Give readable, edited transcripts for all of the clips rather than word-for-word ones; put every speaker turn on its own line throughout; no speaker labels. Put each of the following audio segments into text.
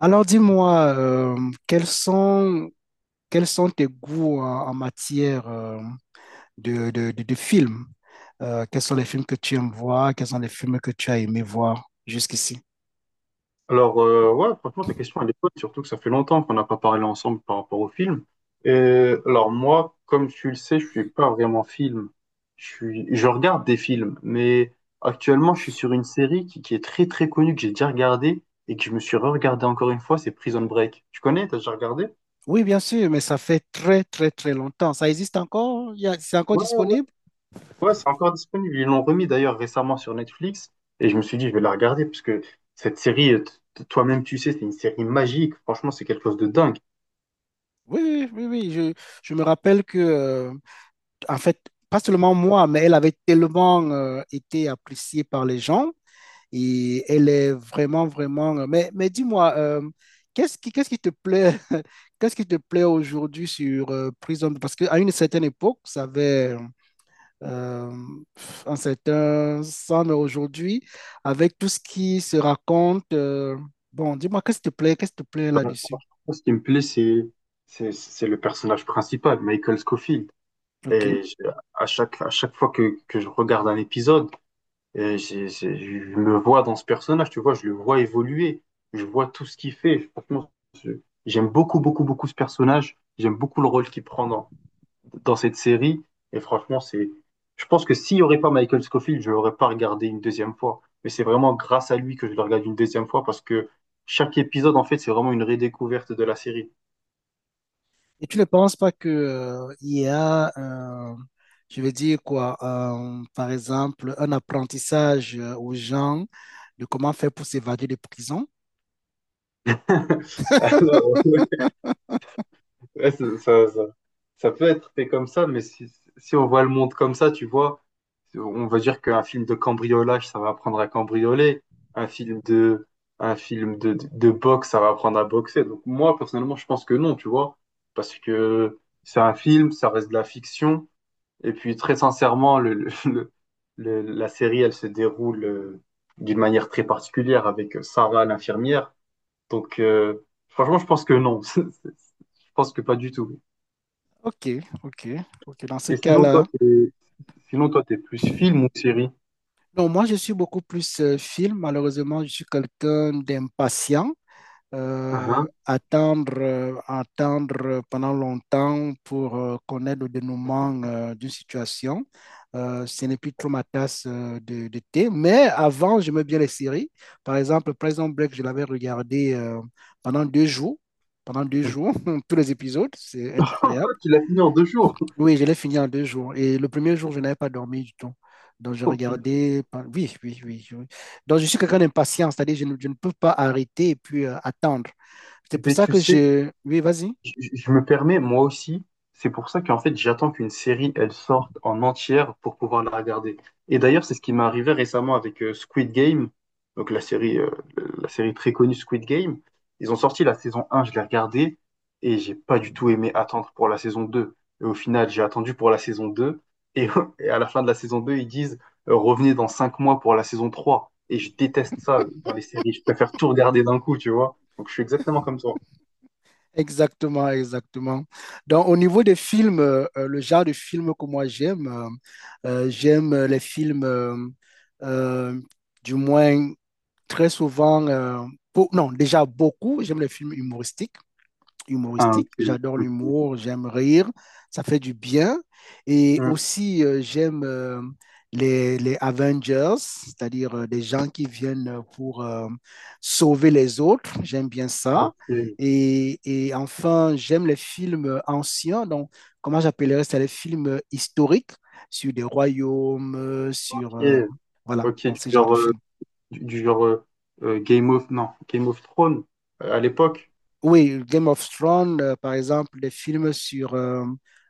Alors dis-moi, quels sont, quels sont tes goûts en matière de films? Quels sont les films que tu aimes voir? Quels sont les films que tu as aimé voir jusqu'ici?
Alors, ouais, franchement, ta question, elle est bonne, surtout que ça fait longtemps qu'on n'a pas parlé ensemble par rapport au film. Et, alors, moi, comme tu le sais, je suis pas vraiment film. Je regarde des films, mais actuellement, je suis sur une série qui est très, très connue, que j'ai déjà regardée et que je me suis re-regardée encore une fois, c'est Prison Break. Tu connais? T'as déjà regardé?
Oui, bien sûr, mais ça fait très, très, très longtemps. Ça existe encore? C'est encore
Ouais,
disponible?
ouais, c'est encore disponible. Ils l'ont remis d'ailleurs récemment sur Netflix et je me suis dit, je vais la regarder parce que cette série, toi-même, tu sais, c'est une série magique. Franchement, c'est quelque chose de dingue.
Oui, oui, oui, oui. Je me rappelle que, en fait, pas seulement moi, mais elle avait tellement été appréciée par les gens. Et elle est vraiment, vraiment. Mais dis-moi, qu'est-ce qui te plaît, qu'est-ce qui te plaît aujourd'hui sur Prison? Parce qu'à une certaine époque, ça avait euh, un certain sens, mais aujourd'hui, avec tout ce qui se raconte, bon, dis-moi, qu'est-ce qui te plaît, qu'est-ce qui te plaît là-dessus?
Ce qui me plaît, c'est le personnage principal, Michael Scofield.
OK.
Et je- à chaque fois que je regarde un épisode, je me vois dans ce personnage, tu vois, je le vois évoluer, je vois tout ce qu'il fait. Franchement, je- j'aime beaucoup, beaucoup, beaucoup ce personnage. J'aime beaucoup le rôle qu'il prend dans cette série. Et franchement, je pense que s'il n'y aurait pas Michael Scofield, je ne l'aurais pas regardé une deuxième fois. Mais c'est vraiment grâce à lui que je le regarde une deuxième fois parce que chaque épisode, en fait, c'est vraiment une redécouverte de la série.
Et tu ne penses pas que il y a, je vais dire quoi, par exemple, un apprentissage aux gens de comment faire pour s'évader des prisons?
Alors, ouais, ouais, ça peut être fait comme ça, mais si on voit le monde comme ça, tu vois, on va dire qu'un film de cambriolage, ça va apprendre à cambrioler. Un film de, un film de boxe, ça va apprendre à boxer. Donc moi, personnellement, je pense que non, tu vois, parce que c'est un film, ça reste de la fiction. Et puis, très sincèrement, la série, elle se déroule d'une manière très particulière avec Sarah, l'infirmière. Donc, franchement, je pense que non. Je pense que pas du tout.
Ok, ok, ok. Dans ce
Et sinon, toi,
cas-là,
t'es, Sinon, toi, t'es plus film ou série?
non, moi je suis beaucoup plus film. Malheureusement, je suis quelqu'un d'impatient.
Ah,
Attendre pendant longtemps pour connaître le dénouement d'une situation. Ce n'est plus trop ma tasse de thé. Mais avant, j'aimais bien les séries. Par exemple, Prison Break, je l'avais regardé pendant deux jours. Pendant deux
ah.
jours, tous les épisodes, c'est incroyable.
Tu l'as fini en 2 jours,
Oui, je l'ai fini en deux jours. Et le premier jour, je n'avais pas dormi du tout. Donc, je
ton film.
regardais. Oui, oui, oui. oui. Donc, je suis quelqu'un d'impatient, c'est-à-dire je ne peux pas arrêter et puis attendre. C'est
Eh
pour
ben,
ça
tu
que
sais,
je... Oui, vas-y.
je me permets, moi aussi, c'est pour ça qu'en fait, j'attends qu'une série, elle sorte en entière pour pouvoir la regarder. Et d'ailleurs, c'est ce qui m'est arrivé récemment avec Squid Game, donc la série, euh, la série très connue Squid Game. Ils ont sorti la saison 1, je l'ai regardée, et j'ai pas du tout aimé attendre pour la saison 2. Et au final, j'ai attendu pour la saison 2, et, et à la fin de la saison 2, ils disent, revenez dans 5 mois pour la saison 3. Et je déteste ça dans les séries, je préfère tout regarder d'un coup, tu vois. Donc je suis exactement comme toi.
Exactement, exactement. Donc, au niveau des films, le genre de films que moi j'aime, j'aime les films, euh, du moins très souvent, beau- non, déjà beaucoup, j'aime les films humoristiques.
Ah,
Humoristique.
ok.
J'adore
Ok.
l'humour, j'aime rire, ça fait du bien. Et
Hmm,
aussi, j'aime les Avengers, c'est-à-dire des gens qui viennent pour sauver les autres. J'aime bien ça.
ok,
Et enfin, j'aime les films anciens, donc comment j'appellerais ça, les films historiques sur des royaumes,
ok,
voilà,
ok,
dans
du
ce genre de
genre,
films.
du genre Game of, non, Game of Thrones à l'époque.
Oui, Game of Thrones, par exemple, les films sur euh,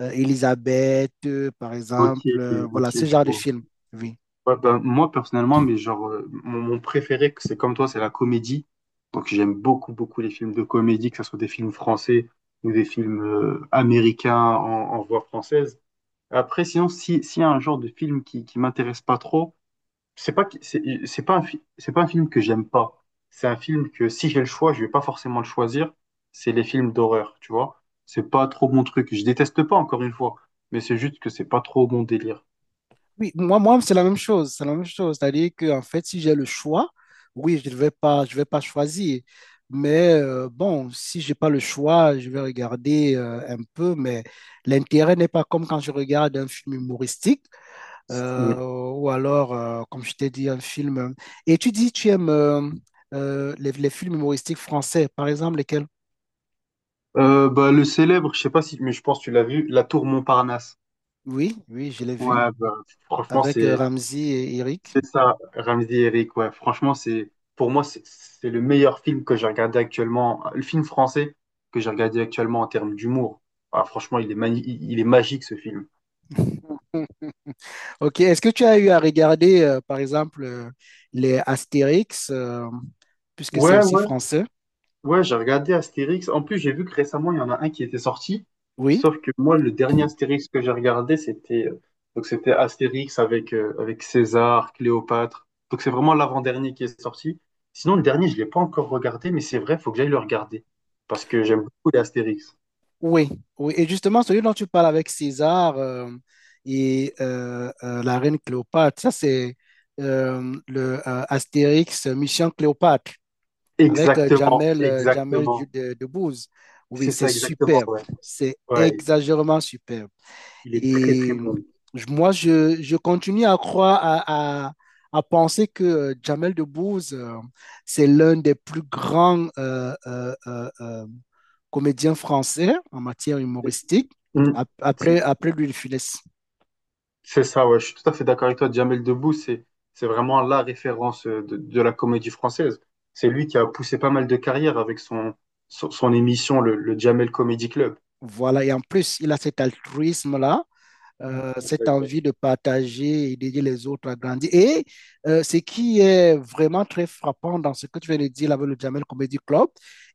euh, Elisabeth, par
Ok,
exemple,
ok,
voilà, ce
je
genre de
vois.
films, oui.
Ouais, ben, moi personnellement, mais genre, mon préféré, que c'est comme toi, c'est la comédie. Donc j'aime beaucoup, beaucoup les films de comédie, que ce soit des films français ou des films américains en voix française. Après, sinon, si, s'il y a un genre de film qui m'intéresse pas trop, c'est pas un film que j'aime pas. C'est un film que si j'ai le choix, je vais pas forcément le choisir. C'est les films d'horreur, tu vois. C'est pas trop mon truc. Je déteste pas encore une fois, mais c'est juste que c'est pas trop mon délire.
Oui, moi, c'est la même chose. C'est la même chose. C'est-à-dire que, en fait, si j'ai le choix, oui, je vais pas choisir. Mais bon, si j'ai pas le choix, je vais regarder un peu. Mais l'intérêt n'est pas comme quand je regarde un film humoristique ou alors, comme je t'ai dit, un film. Et tu dis, tu aimes les films humoristiques français, par exemple, lesquels?
Bah le célèbre, je sais pas si, mais je pense que tu l'as vu, La Tour Montparnasse.
Oui, oui, je l'ai vu
Ouais, bah, franchement
avec
c'est.
Ramzy et Eric.
C'est ça, Ramsey Eric, ouais. Franchement, c'est pour moi, c'est le meilleur film que j'ai regardé actuellement, le film français que j'ai regardé actuellement en termes d'humour. Ah, franchement, il est magique ce film.
Ok, est-ce que tu as eu à regarder, par exemple, les Astérix, puisque c'est
Ouais,
aussi
ouais,
français?
ouais, j'ai regardé Astérix. En plus, j'ai vu que récemment, il y en a un qui était sorti.
Oui.
Sauf que moi, le dernier Astérix que j'ai regardé, c'était donc c'était Astérix avec César, Cléopâtre. Donc c'est vraiment l'avant-dernier qui est sorti. Sinon, le dernier, je l'ai pas encore regardé, mais c'est vrai, faut que j'aille le regarder. Parce que j'aime beaucoup les Astérix.
Oui, oui. Et justement, celui dont tu parles avec César la reine Cléopâtre, ça c'est le Astérix Mission Cléopâtre. Avec
Exactement,
Jamel,
exactement.
Debbouze. Oui,
C'est
c'est
ça, exactement,
superbe,
ouais.
c'est
Ouais,
exagérément superbe.
il est très, très
Et
bon.
je continue à croire, à penser que Jamel Debbouze, c'est l'un des plus grands comédiens français en matière humoristique,
Mm, si,
après Louis de Funès.
c'est ça, ouais, je suis tout à fait d'accord avec toi. Jamel Debbouze, c'est vraiment la référence de la comédie française. C'est lui qui a poussé pas mal de carrières avec son émission, le Jamel Comedy Club.
Voilà, et en plus, il a cet altruisme-là
Ouais, c'est ça,
cette
exact.
envie de partager et d'aider les autres à grandir. Et ce qui est vraiment très frappant dans ce que tu viens de dire là, avec le Jamel Comedy Club,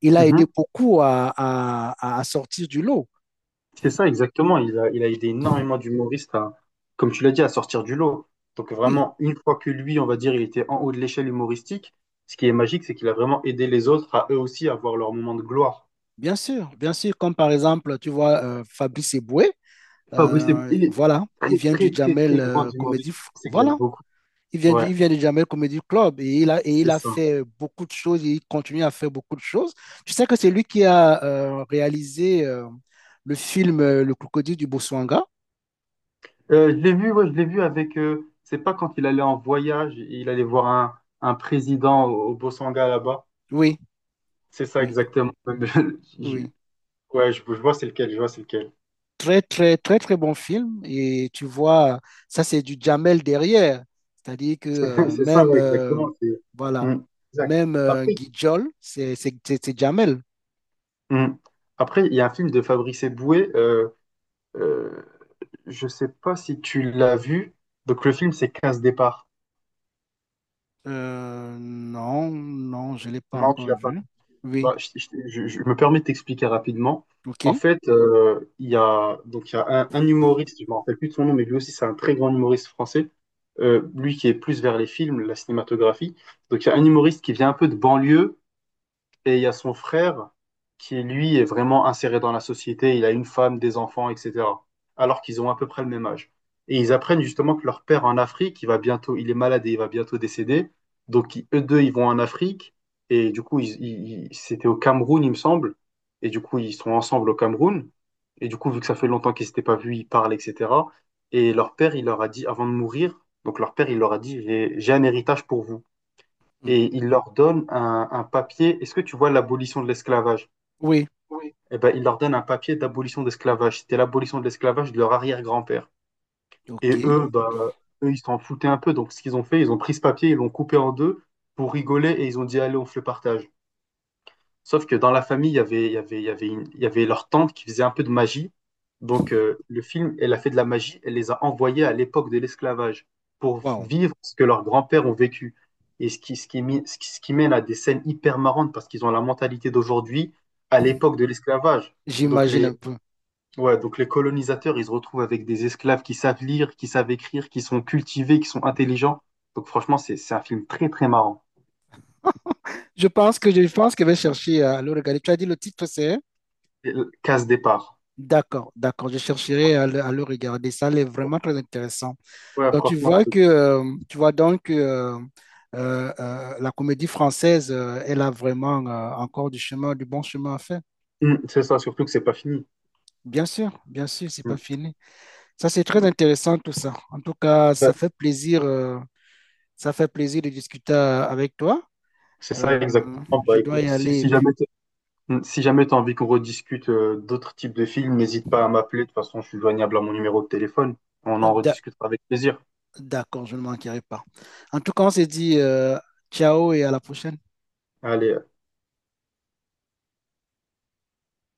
il a aidé beaucoup à sortir du lot.
C'est ça, exactement. Il a aidé énormément d'humoristes à, comme tu l'as dit, à sortir du lot. Donc
Oui,
vraiment, une fois que lui, on va dire, il était en haut de l'échelle humoristique, ce qui est magique, c'est qu'il a vraiment aidé les autres à eux aussi avoir leur moment de gloire.
bien sûr, comme par exemple, tu vois, Fabrice Eboué,
Fabrice, il est
voilà, il
très,
vient du
très, très,
Jamel
très grand
Comedy,
humoriste français. Que j'aime
voilà.
beaucoup. Ouais,
Il vient du Jamel Comedy Club et il
c'est
a
ça.
fait beaucoup de choses et il continue à faire beaucoup de choses. Tu sais que c'est lui qui a réalisé le film Le Crocodile du Botswana.
Je l'ai vu, ouais, je l'ai vu avec, c'est pas quand il allait en voyage, il allait voir un président au Bosanga là-bas.
Oui,
C'est ça,
oui,
exactement. Je-
oui.
ouais, je vois c'est lequel, je vois c'est lequel.
Très, très, très, très bon film. Et tu vois, ça, c'est du Jamel derrière. C'est-à-dire que
C'est ça,
même,
ouais, exactement. C'est
voilà,
Mm, exact.
même
Après,
Guijol, c'est Jamel.
mm. Après, il y a un film de Fabrice Eboué, euh, je sais pas si tu l'as vu. Donc le film, c'est Quinze départs.
Non, non, je ne l'ai pas
Non, tu
encore
l'as pas vu.
vu. Oui,
Bah, je me permets de t'expliquer rapidement.
ok.
En fait, donc, il y a un humoriste, je me rappelle plus de son nom, mais lui aussi, c'est un très grand humoriste français. Lui qui est plus vers les films, la cinématographie. Donc, il y a un humoriste qui vient un peu de banlieue. Et il y a son frère qui, lui, est vraiment inséré dans la société. Il a une femme, des enfants, etc. Alors qu'ils ont à peu près le même âge. Et ils apprennent justement que leur père en Afrique, il est malade et il va bientôt décéder. Donc, eux deux, ils vont en Afrique. Et du coup, c'était au Cameroun, il me semble. Et du coup, ils sont ensemble au Cameroun. Et du coup, vu que ça fait longtemps qu'ils s'étaient pas vus, ils parlent, etc. Et leur père, il leur a dit, avant de mourir, donc leur père, il leur a dit, j'ai un héritage pour vous
Mm.
et il leur donne un papier. Est-ce que tu vois l'abolition de l'esclavage?
Oui,
Oui, eh ben, il leur donne un papier d'abolition d'esclavage. C'était l'abolition de l'esclavage de leur arrière-grand-père.
Ok.
Et eux, bah, ok, eux, ils s'en foutaient un peu. Donc, ce qu'ils ont fait, ils ont pris ce papier, ils l'ont coupé en deux pour rigoler et ils ont dit, allez, on fait le partage. Sauf que dans la famille, il y avait leur tante qui faisait un peu de magie. Donc, le film, elle a fait de la magie, elle les a envoyés à l'époque de l'esclavage pour
Wow.
vivre ce que leurs grands-pères ont vécu. Et ce qui, mi- ce qui mène à des scènes hyper marrantes parce qu'ils ont la mentalité d'aujourd'hui à l'époque de l'esclavage. Donc
J'imagine un
les,
peu.
ouais, donc les colonisateurs, ils se retrouvent avec des esclaves qui savent lire, qui savent écrire, qui sont cultivés, qui sont intelligents. Donc franchement, c'est un film très, très marrant.
Je pense que je vais chercher à le regarder. Tu as dit le titre, c'est?
Casse départ.
D'accord, d'accord. Je chercherai à le regarder. Ça elle vraiment très intéressant.
Ouais,
Donc tu
franchement,
vois
je te.
que tu vois donc que la comédie française, elle a vraiment encore du chemin, du bon chemin à faire.
Mm, c'est ça, surtout que c'est pas fini.
Bien sûr, c'est pas
Mm.
fini. Ça, c'est très intéressant tout ça. En tout cas,
Ouais.
ça fait plaisir de discuter avec toi.
C'est ça
Euh,
exactement.
je
Bah
dois
écoute,
y aller et puis.
si jamais t'as envie qu'on rediscute d'autres types de films, n'hésite pas à m'appeler. De toute façon, je suis joignable à mon numéro de téléphone. On en rediscutera avec plaisir.
D'accord, je ne manquerai pas. En tout cas, on se dit ciao et à la prochaine.
Allez.